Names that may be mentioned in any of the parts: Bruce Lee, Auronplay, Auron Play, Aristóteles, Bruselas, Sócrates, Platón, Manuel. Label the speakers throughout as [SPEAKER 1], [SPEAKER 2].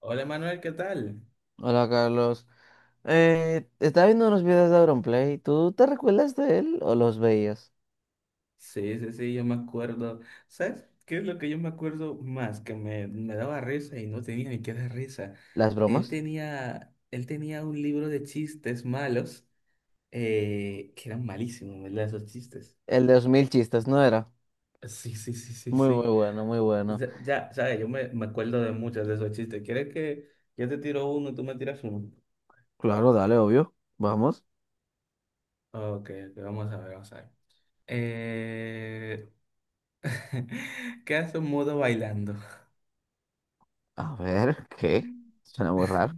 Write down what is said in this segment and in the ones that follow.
[SPEAKER 1] Hola Manuel, ¿qué tal?
[SPEAKER 2] Hola Carlos, estaba viendo unos videos de Auronplay, ¿tú te recuerdas de él o los veías?
[SPEAKER 1] Sí, sí, sí, yo me acuerdo. ¿Sabes qué es lo que yo me acuerdo más? Que me daba risa y no tenía ni qué dar risa.
[SPEAKER 2] ¿Las
[SPEAKER 1] Él
[SPEAKER 2] bromas?
[SPEAKER 1] tenía, él tenía un libro de chistes malos que eran malísimos, ¿verdad? Esos chistes.
[SPEAKER 2] El de los mil chistes, ¿no era?
[SPEAKER 1] Sí, sí, sí, sí,
[SPEAKER 2] Muy, muy
[SPEAKER 1] sí.
[SPEAKER 2] bueno, muy bueno.
[SPEAKER 1] Ya, ya, sabes, yo me acuerdo de muchos de esos chistes. ¿Quieres que yo te tiro uno y tú me tiras uno?
[SPEAKER 2] Claro, dale, obvio. Vamos.
[SPEAKER 1] Ok, ok, vamos a ver, vamos a ver. Eh... ¿Qué hace un mudo bailando?
[SPEAKER 2] A ver, ¿qué? Suena muy raro.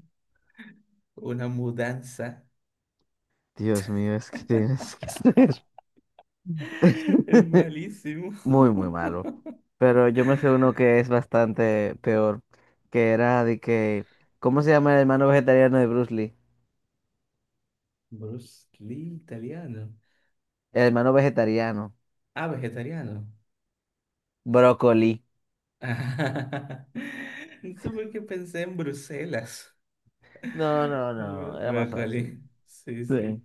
[SPEAKER 1] Una mudanza.
[SPEAKER 2] Dios mío, es que tienes que ser
[SPEAKER 1] Es malísimo.
[SPEAKER 2] muy, muy malo. Pero yo me sé uno que es bastante peor, que era de que, ¿cómo se llama el hermano vegetariano de Bruce Lee?
[SPEAKER 1] Bruce Lee, italiano.
[SPEAKER 2] El hermano vegetariano,
[SPEAKER 1] Ah, vegetariano.
[SPEAKER 2] brócoli.
[SPEAKER 1] No sé por qué pensé en Bruselas.
[SPEAKER 2] No, no,
[SPEAKER 1] Ah,
[SPEAKER 2] no, era más fácil.
[SPEAKER 1] Brócoli. Sí, sí.
[SPEAKER 2] Sí.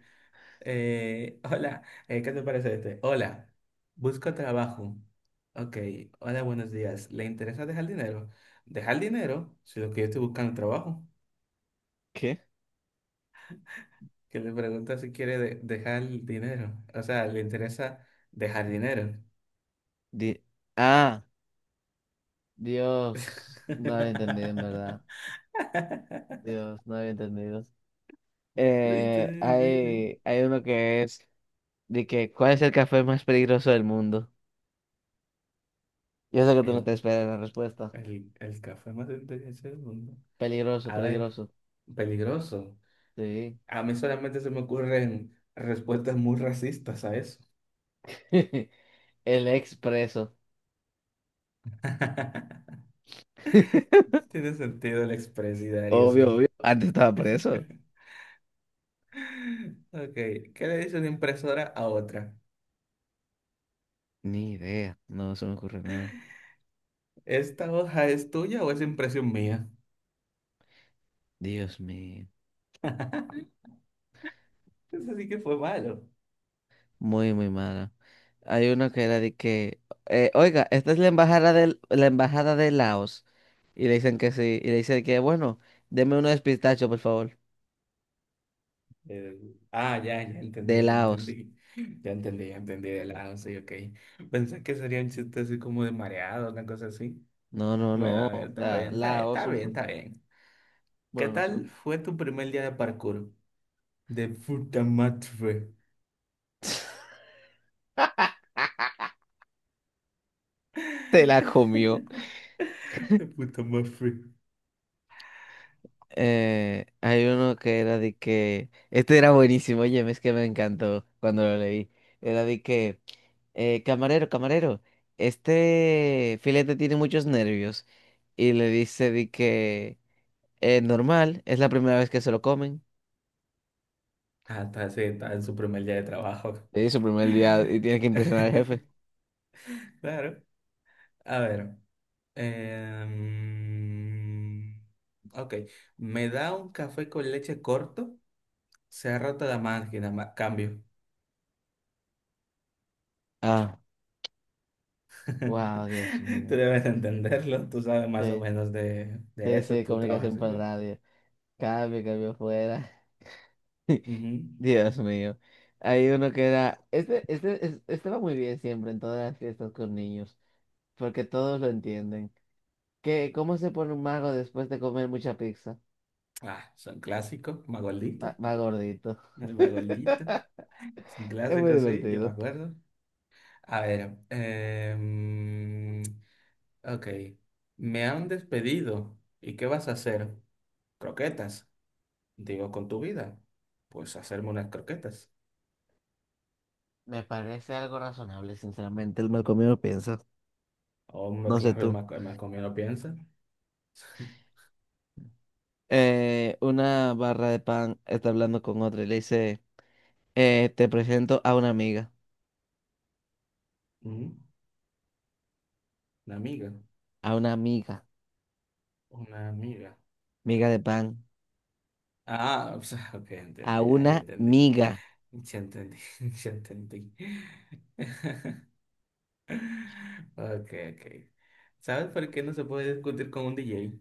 [SPEAKER 1] Hola. ¿Qué te parece este? Hola, busco trabajo. Ok, hola, buenos días. ¿Le interesa dejar dinero? ¿Dejar dinero? Si lo que yo estoy buscando es trabajo.
[SPEAKER 2] ¿Qué?
[SPEAKER 1] Que le pregunta si quiere dejar el dinero. O sea, le interesa dejar dinero.
[SPEAKER 2] Di- ah, Dios, no había entendido en verdad. Dios, no había entendido.
[SPEAKER 1] Sí, sí, sí, sí.
[SPEAKER 2] Hay uno que es de que ¿cuál es el café más peligroso del mundo? Yo sé que tú no
[SPEAKER 1] El,
[SPEAKER 2] te esperas la respuesta.
[SPEAKER 1] el café más inteligente del mundo.
[SPEAKER 2] Peligroso,
[SPEAKER 1] A ver,
[SPEAKER 2] peligroso.
[SPEAKER 1] peligroso.
[SPEAKER 2] Sí.
[SPEAKER 1] A mí solamente se me ocurren respuestas muy racistas a eso.
[SPEAKER 2] El expreso.
[SPEAKER 1] Tiene sentido el expresidario,
[SPEAKER 2] Obvio,
[SPEAKER 1] sí.
[SPEAKER 2] obvio. Antes estaba preso.
[SPEAKER 1] Ok, ¿qué le dice una impresora a otra?
[SPEAKER 2] Ni idea. No se me ocurre nada.
[SPEAKER 1] ¿Esta hoja es tuya o es impresión mía?
[SPEAKER 2] Dios mío.
[SPEAKER 1] Eso sí que fue malo.
[SPEAKER 2] Muy, muy mala. Hay uno que era de que, oiga, esta es la embajada del, la embajada de Laos. Y le dicen que sí. Y le dicen que, bueno, deme uno de pistacho, por favor.
[SPEAKER 1] Ah, ya, ya
[SPEAKER 2] De
[SPEAKER 1] entendí, ya
[SPEAKER 2] Laos.
[SPEAKER 1] entendí. Ya entendí de lado, sí, ok. Pensé que sería un chiste así como de mareado, una cosa así.
[SPEAKER 2] No, no,
[SPEAKER 1] Bueno, a ver,
[SPEAKER 2] no.
[SPEAKER 1] está
[SPEAKER 2] La,
[SPEAKER 1] bien, está,
[SPEAKER 2] Laos,
[SPEAKER 1] está bien,
[SPEAKER 2] un,
[SPEAKER 1] está bien. ¿Qué
[SPEAKER 2] bueno, nación.
[SPEAKER 1] tal fue tu primer día de parkour? De puta madre.
[SPEAKER 2] Te la comió.
[SPEAKER 1] De puta madre.
[SPEAKER 2] Hay uno que era de que, este era buenísimo, oye, es que me encantó cuando lo leí. Era de que, camarero, camarero, este filete tiene muchos nervios. Y le dice de que, normal, es la primera vez que se lo comen.
[SPEAKER 1] Ah, está, sí, está en su primer día de trabajo.
[SPEAKER 2] Es su primer día y tiene que impresionar al jefe.
[SPEAKER 1] Claro. A ver. em, ok. ¿Me da un café con leche corto? Se ha roto la máquina, cambio.
[SPEAKER 2] Ah, wow, Dios
[SPEAKER 1] Tú
[SPEAKER 2] mío.
[SPEAKER 1] debes de entenderlo, tú sabes más o
[SPEAKER 2] Sí,
[SPEAKER 1] menos de
[SPEAKER 2] sí,
[SPEAKER 1] eso,
[SPEAKER 2] sí,
[SPEAKER 1] tú trabajas
[SPEAKER 2] comunicación por
[SPEAKER 1] eso.
[SPEAKER 2] radio. Cambio, cambio fuera.
[SPEAKER 1] Ujú.
[SPEAKER 2] Dios mío. Hay uno que era, este, es- este va muy bien siempre en todas las fiestas con niños, porque todos lo entienden. ¿Qué, cómo se pone un mago después de comer mucha pizza?
[SPEAKER 1] Ah, son clásicos,
[SPEAKER 2] Va,
[SPEAKER 1] Magoldito,
[SPEAKER 2] va gordito.
[SPEAKER 1] el Magoldito, es un
[SPEAKER 2] Es muy
[SPEAKER 1] clásico, sí, yo me
[SPEAKER 2] divertido.
[SPEAKER 1] acuerdo. A ver, ok, me han despedido, ¿y qué vas a hacer? Croquetas, digo, con tu vida, pues hacerme unas croquetas.
[SPEAKER 2] Me parece algo razonable, sinceramente. El mal comido piensa.
[SPEAKER 1] Hombre,
[SPEAKER 2] No sé
[SPEAKER 1] claro,
[SPEAKER 2] tú.
[SPEAKER 1] El Macomio no piensa.
[SPEAKER 2] Una barra de pan está hablando con otra y le dice, te presento
[SPEAKER 1] Ujú, Una amiga,
[SPEAKER 2] a una amiga,
[SPEAKER 1] una amiga.
[SPEAKER 2] amiga de pan,
[SPEAKER 1] Ah, pues, ok, entiendo,
[SPEAKER 2] a
[SPEAKER 1] ya, ya
[SPEAKER 2] una
[SPEAKER 1] entendí.
[SPEAKER 2] miga.
[SPEAKER 1] Ya entendí, ya entendí. Ok, ok. ¿Sabes por qué no se puede discutir con un DJ?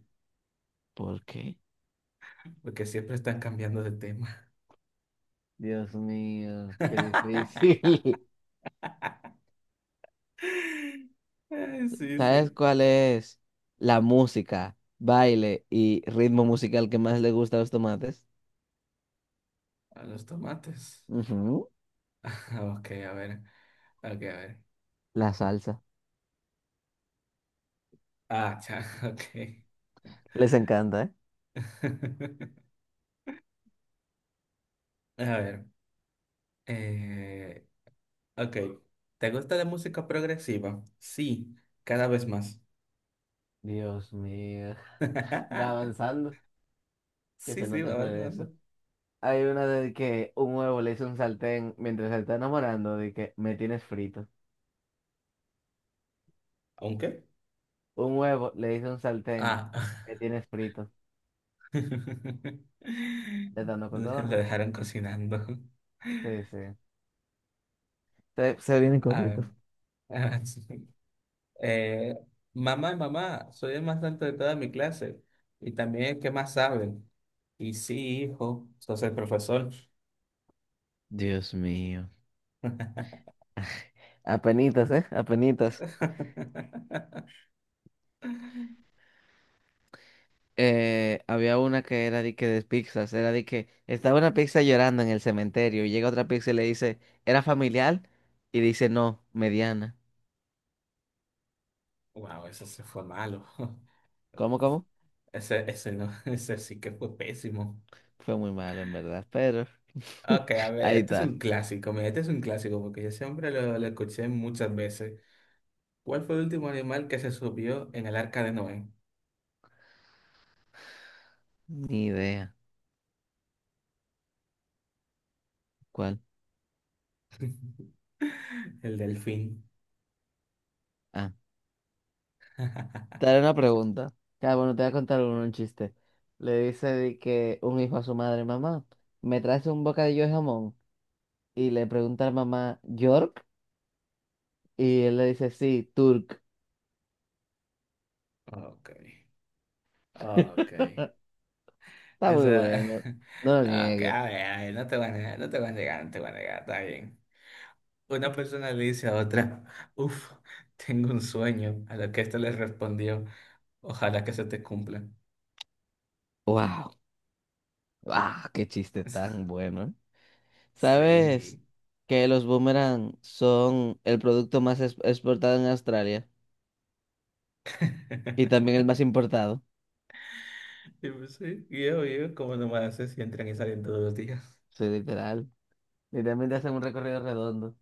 [SPEAKER 2] ¿Por qué?
[SPEAKER 1] Porque siempre están cambiando de tema.
[SPEAKER 2] Dios mío, qué difícil.
[SPEAKER 1] Ay, sí,
[SPEAKER 2] ¿Sabes
[SPEAKER 1] sí.
[SPEAKER 2] cuál es la música, baile y ritmo musical que más le gusta a los tomates?
[SPEAKER 1] A los tomates.
[SPEAKER 2] Ujú,
[SPEAKER 1] Ok, a ver. Ok, a ver.
[SPEAKER 2] la salsa.
[SPEAKER 1] Ah, cha, ok.
[SPEAKER 2] Les encanta, ¿eh?
[SPEAKER 1] A ver. Eh, ok. ¿Te gusta la música progresiva? Sí, cada vez más.
[SPEAKER 2] Dios mío. Va avanzando, que
[SPEAKER 1] Sí,
[SPEAKER 2] se
[SPEAKER 1] sí,
[SPEAKER 2] note
[SPEAKER 1] va
[SPEAKER 2] el progreso.
[SPEAKER 1] avanzando.
[SPEAKER 2] Hay una de que un huevo le hizo un sartén mientras se está enamorando, de que me tienes frito.
[SPEAKER 1] ¿Aunque?
[SPEAKER 2] Un huevo le hizo un sartén,
[SPEAKER 1] Ah.
[SPEAKER 2] me tienes frito. ¿Te dando
[SPEAKER 1] Lo
[SPEAKER 2] cotorra?
[SPEAKER 1] dejaron cocinando.
[SPEAKER 2] Sí, sí. Se vienen
[SPEAKER 1] A ver,
[SPEAKER 2] cortitos.
[SPEAKER 1] eh, mamá, mamá, soy el más alto de toda mi clase. Y también el que más sabe. Y sí, hijo, sos el profesor.
[SPEAKER 2] Dios mío. Apenitas, ¿eh? Apenitas. Había una que era de que de pizzas, era de que estaba una pizza llorando en el cementerio y llega otra pizza y le dice, ¿era familiar? Y dice, no, mediana.
[SPEAKER 1] Wow, eso se fue malo.
[SPEAKER 2] ¿Cómo, cómo?
[SPEAKER 1] Ese no, ese sí que fue pésimo.
[SPEAKER 2] Fue muy malo, en verdad, pero
[SPEAKER 1] Ok, a ver,
[SPEAKER 2] ahí
[SPEAKER 1] este es
[SPEAKER 2] está.
[SPEAKER 1] un clásico, mira, este es un clásico porque yo siempre lo escuché muchas veces. ¿Cuál fue el último animal que se subió en el arca de Noé?
[SPEAKER 2] Ni idea. ¿Cuál?
[SPEAKER 1] El delfín.
[SPEAKER 2] Ah, te haré una pregunta. Ya, bueno, te voy a contar un chiste. Le dice de que un hijo a su madre, mamá, ¿me traes un bocadillo de jamón? Y le pregunta a la mamá, ¿York? Y él le dice, sí, Turk.
[SPEAKER 1] Ok, ok.
[SPEAKER 2] Está muy
[SPEAKER 1] Esa...
[SPEAKER 2] bueno, no lo
[SPEAKER 1] ah, ok,
[SPEAKER 2] niegues.
[SPEAKER 1] a ver, no te voy a negar, no te voy a negar, no te voy a negar, está bien. Una persona le dice a otra, uff, tengo un sueño, a lo que esta le respondió, ojalá que se te cumpla.
[SPEAKER 2] Wow, wow, qué chiste tan bueno, ¿eh? ¿Sabes
[SPEAKER 1] Sí.
[SPEAKER 2] que los boomerang son el producto más exportado en Australia y también el más importado?
[SPEAKER 1] Y pues sí, y obvio, ¿cómo no me hace si entran y salen todos los días?
[SPEAKER 2] Sí, literal. Literalmente hacen un recorrido redondo.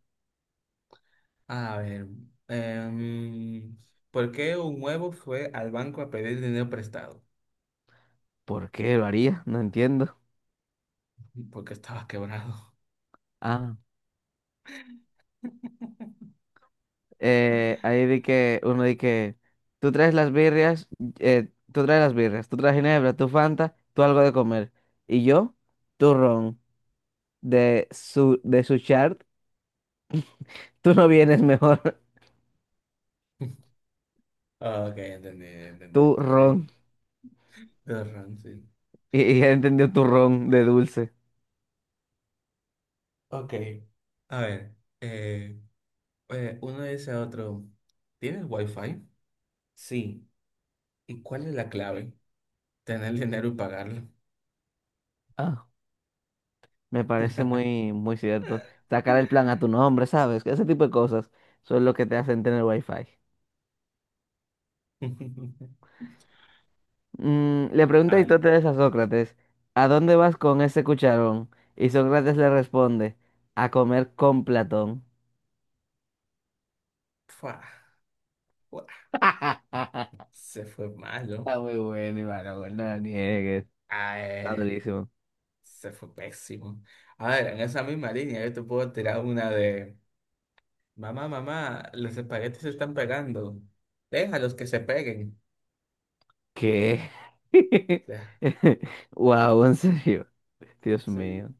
[SPEAKER 1] A ver, em, ¿por qué un huevo fue al banco a pedir dinero prestado?
[SPEAKER 2] ¿Por qué lo haría? No entiendo.
[SPEAKER 1] Porque estaba quebrado.
[SPEAKER 2] Ah, ahí di que, uno di que, tú traes las birrias, tú traes ginebra, tú Fanta, tú algo de comer. Y yo, turrón. De su chart, tú no vienes mejor,
[SPEAKER 1] Ah, ok, entendí, entendí,
[SPEAKER 2] tú
[SPEAKER 1] entendí.
[SPEAKER 2] ron.
[SPEAKER 1] Tienes razón, sí.
[SPEAKER 2] Y él entendió tu ron de dulce.
[SPEAKER 1] Ok, a ver. eh, uno dice a otro, ¿tienes wifi? Sí. ¿Y cuál es la clave? Tener dinero y pagarlo.
[SPEAKER 2] Ah, me parece muy, muy cierto. Sacar el plan a tu nombre, ¿sabes? Ese tipo de cosas son lo que te hacen tener wifi. Le pregunta
[SPEAKER 1] Al,
[SPEAKER 2] Aristóteles a Sócrates, ¿a dónde vas con ese cucharón? Y Sócrates le responde, a comer con Platón.
[SPEAKER 1] fua, fua, se fue malo.
[SPEAKER 2] Está muy bueno, Iván, no lo niegues.
[SPEAKER 1] Ah,
[SPEAKER 2] Está durísimo.
[SPEAKER 1] se fue pésimo. A ver, en esa misma línea yo te puedo tirar una de, mamá, mamá, los espaguetis se están pegando. Déjalos que se peguen.
[SPEAKER 2] ¿Qué?
[SPEAKER 1] Ya,
[SPEAKER 2] Wow, en serio. Dios mío.
[SPEAKER 1] sí.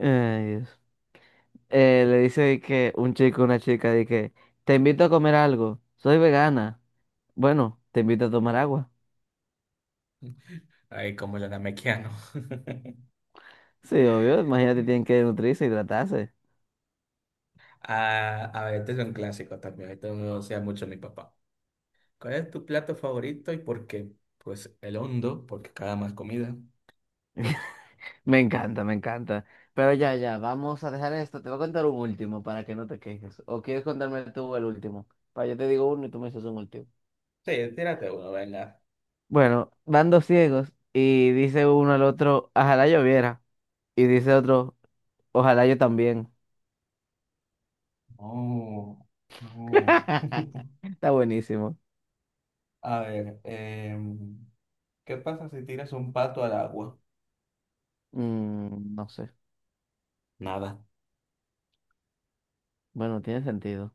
[SPEAKER 2] Ay, Dios. Le dice que un chico, a una chica, de que te invito a comer algo. Soy vegana. Bueno, te invito a tomar agua.
[SPEAKER 1] Ay, como el Mequiano.
[SPEAKER 2] Sí, obvio. Imagínate, tienen que nutrirse, hidratarse.
[SPEAKER 1] Ah, a ver, este es un clásico también. Esto no sea mucho mi papá. ¿Cuál es tu plato favorito y por qué? Pues el hondo, porque cada más comida.
[SPEAKER 2] Me encanta, me encanta. Pero ya, ya, vamos a dejar esto. Te voy a contar un último para que no te quejes. ¿O quieres contarme tú el último? Para yo te digo uno y tú me dices un último.
[SPEAKER 1] Sí, tírate uno, venga.
[SPEAKER 2] Bueno, van dos ciegos y dice uno al otro, ojalá yo viera. Y dice otro, ojalá yo también.
[SPEAKER 1] No, no.
[SPEAKER 2] Está buenísimo.
[SPEAKER 1] A ver, ¿qué pasa si tiras un pato al agua?
[SPEAKER 2] No sé.
[SPEAKER 1] Nada.
[SPEAKER 2] Bueno, tiene sentido.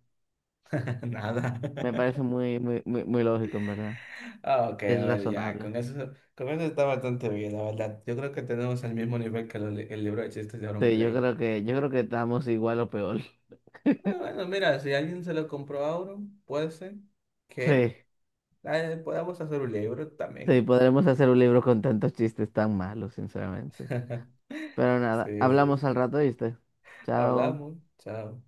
[SPEAKER 1] Nada.
[SPEAKER 2] Me parece muy, muy, muy, muy lógico, en verdad.
[SPEAKER 1] Ah, ok, a
[SPEAKER 2] Es
[SPEAKER 1] ver, ya,
[SPEAKER 2] razonable.
[SPEAKER 1] con eso, está bastante bien, la verdad. Yo creo que tenemos el mismo nivel que el libro de chistes de Auron
[SPEAKER 2] Sí,
[SPEAKER 1] Play.
[SPEAKER 2] yo creo que estamos igual o peor.
[SPEAKER 1] Ah, bueno, mira, si alguien se lo compró a uno, puede ser que
[SPEAKER 2] Sí,
[SPEAKER 1] podamos hacer un libro
[SPEAKER 2] sí,
[SPEAKER 1] también.
[SPEAKER 2] podremos hacer un libro con tantos chistes tan malos, sinceramente. Pero
[SPEAKER 1] Sí,
[SPEAKER 2] nada,
[SPEAKER 1] sí,
[SPEAKER 2] hablamos al
[SPEAKER 1] sí.
[SPEAKER 2] rato, ¿viste? Chao.
[SPEAKER 1] Hablamos. Chao.